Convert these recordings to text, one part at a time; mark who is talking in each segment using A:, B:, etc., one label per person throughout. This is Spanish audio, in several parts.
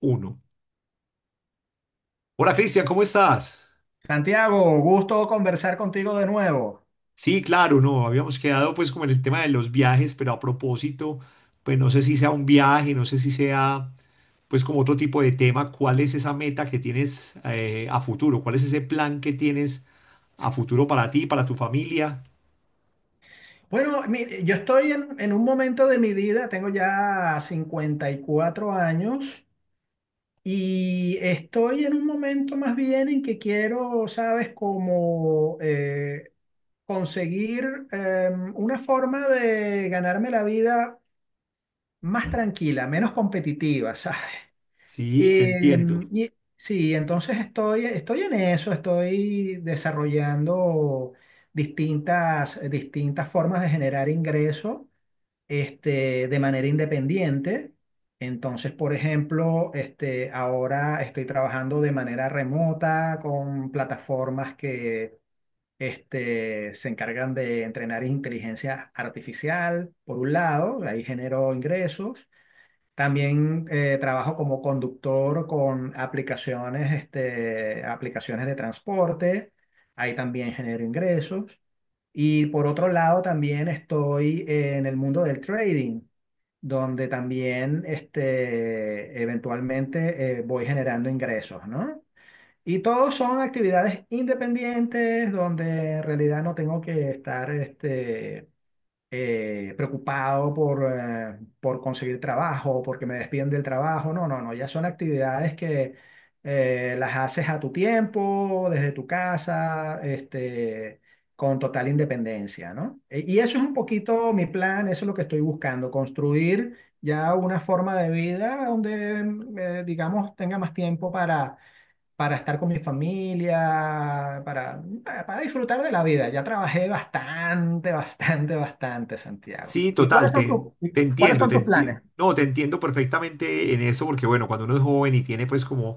A: Uno. Hola Cristian, ¿cómo estás?
B: Santiago, gusto conversar contigo de nuevo.
A: Sí, claro, no, habíamos quedado pues como en el tema de los viajes, pero a propósito, pues no sé si sea un viaje, no sé si sea pues como otro tipo de tema. ¿Cuál es esa meta que tienes a futuro? ¿Cuál es ese plan que tienes a futuro para ti, para tu familia?
B: Bueno, mire, yo estoy en un momento de mi vida, tengo ya 54 años y estoy en un momento más bien en que quiero, sabes, como conseguir una forma de ganarme la vida más tranquila, menos competitiva,
A: Sí, te entiendo.
B: Y sí, entonces estoy en eso, estoy desarrollando distintas formas de generar ingreso de manera independiente. Entonces, por ejemplo, ahora estoy trabajando de manera remota con plataformas que se encargan de entrenar inteligencia artificial, por un lado, ahí genero ingresos. También trabajo como conductor con aplicaciones, aplicaciones de transporte. Ahí también genero ingresos. Y por otro lado, también estoy en el mundo del trading, donde también eventualmente voy generando ingresos, ¿no? Y todos son actividades independientes donde en realidad no tengo que estar preocupado por por conseguir trabajo, porque me despiden del trabajo. No, no, no, ya son actividades que las haces a tu tiempo, desde tu casa, con total independencia, ¿no? Y eso es un poquito mi plan, eso es lo que estoy buscando, construir ya una forma de vida donde, digamos, tenga más tiempo para estar con mi familia, para disfrutar de la vida. Ya trabajé bastante, bastante, bastante, Santiago.
A: Sí,
B: ¿Y cuáles
A: total,
B: son
A: te
B: tus
A: entiendo,
B: planes?
A: no, te entiendo perfectamente en eso, porque bueno, cuando uno es joven y tiene pues como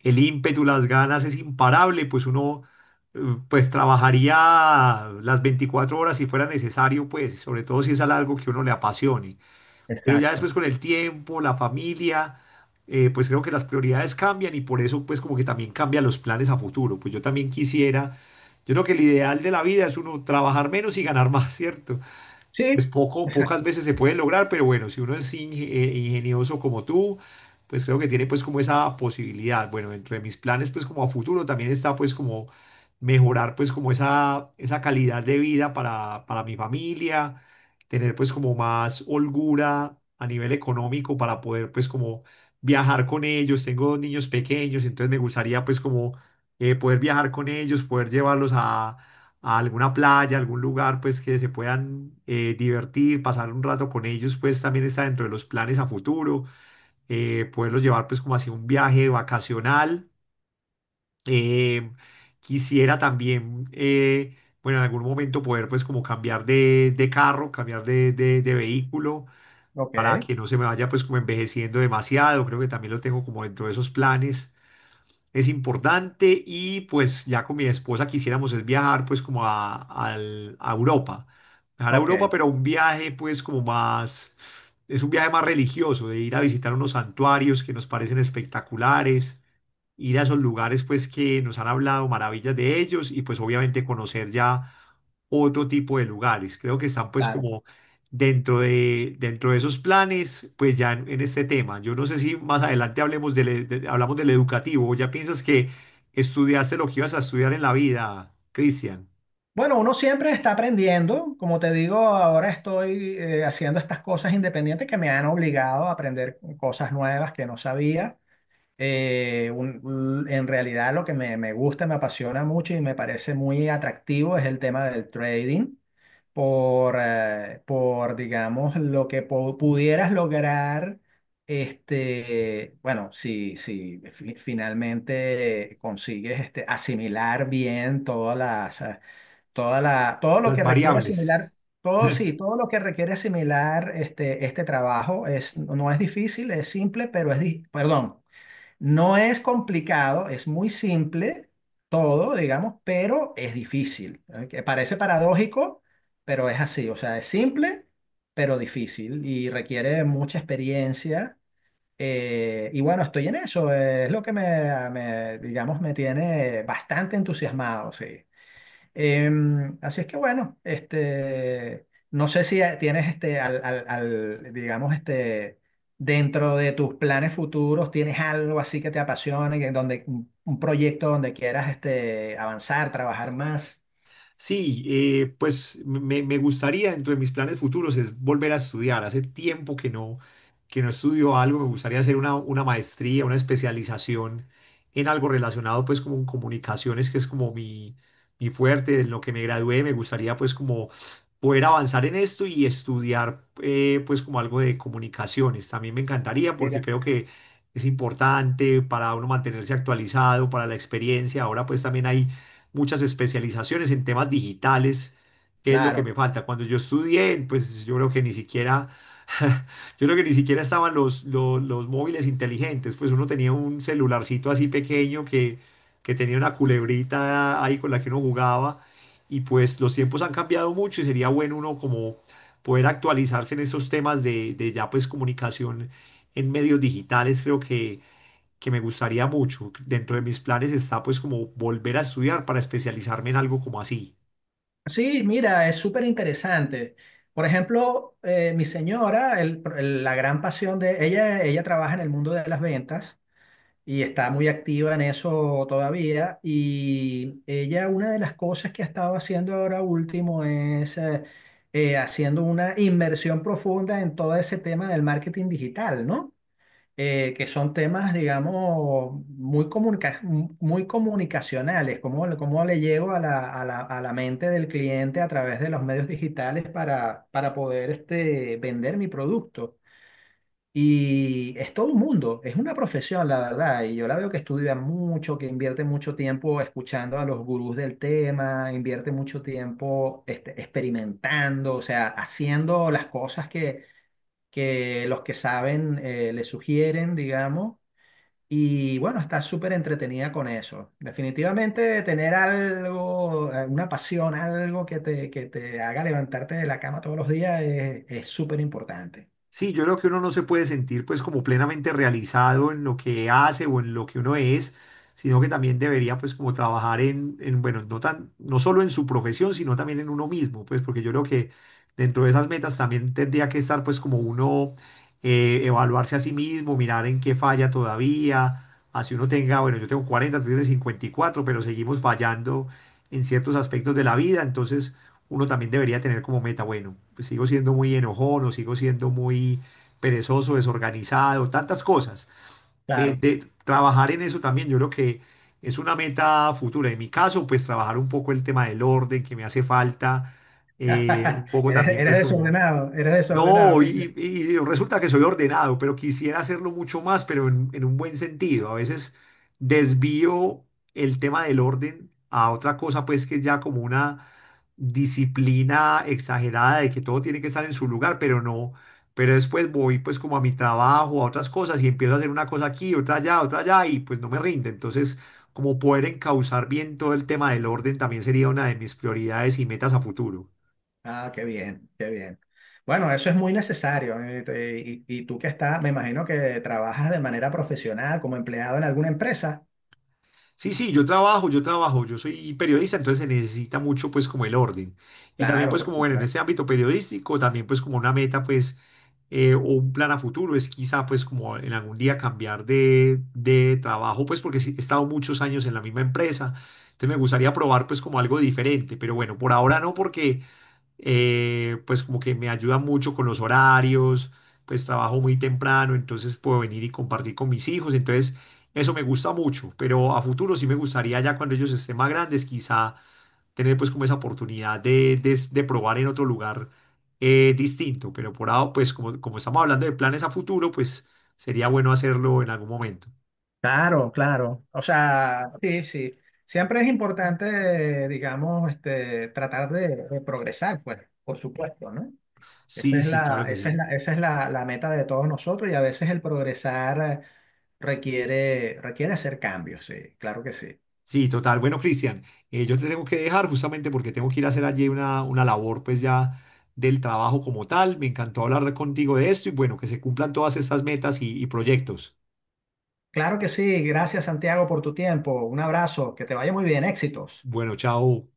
A: el ímpetu, las ganas, es imparable, pues uno eh, pues trabajaría las 24 horas si fuera necesario, pues, sobre todo si es algo que uno le apasione. Pero ya
B: Exacto.
A: después con el tiempo, la familia, pues creo que las prioridades cambian y por eso pues como que también cambian los planes a futuro. Pues yo también quisiera, yo creo que el ideal de la vida es uno trabajar menos y ganar más, ¿cierto? Pues
B: Sí,
A: poco, pocas
B: exacto.
A: veces se pueden lograr, pero bueno, si uno es ingenioso como tú, pues creo que tiene pues como esa posibilidad. Bueno, dentro de mis planes pues como a futuro también está pues como mejorar pues como esa calidad de vida para mi familia, tener pues como más holgura a nivel económico para poder pues como viajar con ellos. Tengo dos niños pequeños, entonces me gustaría pues como poder viajar con ellos, poder llevarlos a alguna playa, algún lugar, pues que se puedan divertir, pasar un rato con ellos, pues también está dentro de los planes a futuro, poderlos llevar pues como hacia un viaje vacacional. Eh, quisiera también, eh, bueno, en algún momento poder pues como cambiar de carro, cambiar de vehículo,
B: Ok,
A: para que no se me vaya pues como envejeciendo demasiado. Creo que también lo tengo como dentro de esos planes, es importante, y pues ya con mi esposa quisiéramos es viajar pues como a, a Europa, viajar a
B: ok,
A: Europa, pero un viaje pues como más, es un viaje más religioso, de ir a visitar unos santuarios que nos parecen espectaculares, ir a esos lugares pues que nos han hablado maravillas de ellos y pues obviamente conocer ya otro tipo de lugares. Creo que están pues
B: claro.
A: como dentro de esos planes, pues ya en este tema. Yo no sé si más adelante hablemos del, hablamos del educativo. ¿O ya piensas que estudiaste lo que ibas a estudiar en la vida, Cristian?
B: Bueno, uno siempre está aprendiendo. Como te digo, ahora estoy haciendo estas cosas independientes que me han obligado a aprender cosas nuevas que no sabía. En realidad lo que me gusta, me apasiona mucho y me parece muy atractivo es el tema del trading por digamos, lo que pudieras lograr, bueno, si finalmente consigues asimilar bien todas todo lo
A: Las
B: que requiere
A: variables.
B: asimilar. Todo sí, todo lo que requiere asimilar este trabajo es, no es difícil, es simple, pero perdón, no es complicado, es muy simple todo, digamos, pero es difícil. ¿Eh? Que parece paradójico, pero es así. O sea, es simple, pero difícil y requiere mucha experiencia. Y bueno, estoy en eso. Es lo que digamos, me tiene bastante entusiasmado, sí. Así es que bueno, no sé si tienes digamos, dentro de tus planes futuros, tienes algo así que te apasione, un proyecto donde quieras avanzar, trabajar más.
A: Sí, pues me gustaría, dentro de mis planes futuros, es volver a estudiar. Hace tiempo que no estudio algo, me gustaría hacer una maestría, una especialización en algo relacionado pues como en comunicaciones, que es como mi fuerte, en lo que me gradué, me gustaría pues como poder avanzar en esto y estudiar pues como algo de comunicaciones. También me encantaría porque
B: Mira,
A: creo que es importante para uno mantenerse actualizado, para la experiencia. Ahora pues también hay muchas especializaciones en temas digitales, que es lo que
B: claro.
A: me falta. Cuando yo estudié, pues yo creo que ni siquiera, yo creo que ni siquiera estaban los móviles inteligentes, pues uno tenía un celularcito así pequeño que tenía una culebrita ahí con la que uno jugaba, y pues los tiempos han cambiado mucho y sería bueno uno como poder actualizarse en esos temas de ya pues comunicación en medios digitales. Creo que me gustaría mucho. Dentro de mis planes está pues como volver a estudiar para especializarme en algo como así.
B: Sí, mira, es súper interesante. Por ejemplo, mi señora, la gran pasión de ella, ella trabaja en el mundo de las ventas. Y está muy activa en eso todavía. Y ella, una de las cosas que ha estado haciendo ahora último es haciendo una inmersión profunda en todo ese tema del marketing digital, ¿no? Que son temas, digamos, muy comunicacionales, le cómo le llego a a la mente del cliente a través de los medios digitales para poder vender mi producto. Y es todo un mundo, es una profesión, la verdad. Y yo la veo que estudia mucho, que invierte mucho tiempo escuchando a los gurús del tema, invierte mucho tiempo experimentando, o sea, haciendo las cosas que los que saben le sugieren, digamos. Y bueno, está súper entretenida con eso. Definitivamente tener algo, una pasión, algo que que te haga levantarte de la cama todos los días es súper importante.
A: Sí, yo creo que uno no se puede sentir pues como plenamente realizado en lo que hace o en lo que uno es, sino que también debería pues como trabajar bueno, no tan, no solo en su profesión, sino también en uno mismo, pues porque yo creo que dentro de esas metas también tendría que estar pues como uno evaluarse a sí mismo, mirar en qué falla todavía, así uno tenga, bueno, yo tengo 40, tú tienes 54, pero seguimos fallando en ciertos aspectos de la vida. Entonces, uno también debería tener como meta, bueno, pues sigo siendo muy enojón, o sigo siendo muy perezoso, desorganizado, tantas cosas.
B: Claro.
A: De trabajar en eso también, yo creo que es una meta futura. En mi caso, pues trabajar un poco el tema del orden que me hace falta, un poco también
B: Eres
A: pues como,
B: desordenado, eres desordenado,
A: no,
B: Santiago.
A: y resulta que soy ordenado, pero quisiera hacerlo mucho más, pero en un buen sentido. A veces desvío el tema del orden a otra cosa, pues que es ya como una disciplina exagerada de que todo tiene que estar en su lugar, pero no, pero después voy pues como a mi trabajo, a otras cosas y empiezo a hacer una cosa aquí, otra allá y pues no me rinde. Entonces, como poder encauzar bien todo el tema del orden también sería una de mis prioridades y metas a futuro.
B: Ah, qué bien, qué bien. Bueno, eso es muy necesario. Y, tú que estás, me imagino que trabajas de manera profesional como empleado en alguna empresa.
A: Sí, sí, yo trabajo, yo trabajo, yo soy periodista, entonces se necesita mucho pues como el orden. Y también
B: Claro,
A: pues
B: por
A: como bueno, en
B: supuesto.
A: este ámbito periodístico, también pues como una meta pues o un plan a futuro es quizá pues como en algún día cambiar de trabajo, pues porque sí, he estado muchos años en la misma empresa, entonces me gustaría probar pues como algo diferente, pero bueno, por ahora no porque pues como que me ayuda mucho con los horarios, pues trabajo muy temprano, entonces puedo venir y compartir con mis hijos, entonces eso me gusta mucho. Pero a futuro sí me gustaría ya cuando ellos estén más grandes, quizá tener pues como esa oportunidad de probar en otro lugar distinto, pero por ahora pues como, como estamos hablando de planes a futuro, pues sería bueno hacerlo en algún momento.
B: Claro, claro. O sea, sí, sí. Siempre es importante, digamos, tratar de progresar, pues, por supuesto, ¿no? Esa
A: Sí,
B: es
A: sí, claro que sí.
B: la meta de todos nosotros y a veces el progresar requiere, requiere hacer cambios, sí, claro que sí.
A: Sí, total. Bueno, Cristian, yo te tengo que dejar justamente porque tengo que ir a hacer allí una labor pues ya del trabajo como tal. Me encantó hablar contigo de esto y bueno, que se cumplan todas estas metas y proyectos.
B: Claro que sí, gracias Santiago por tu tiempo, un abrazo, que te vaya muy bien, éxitos.
A: Bueno, chao.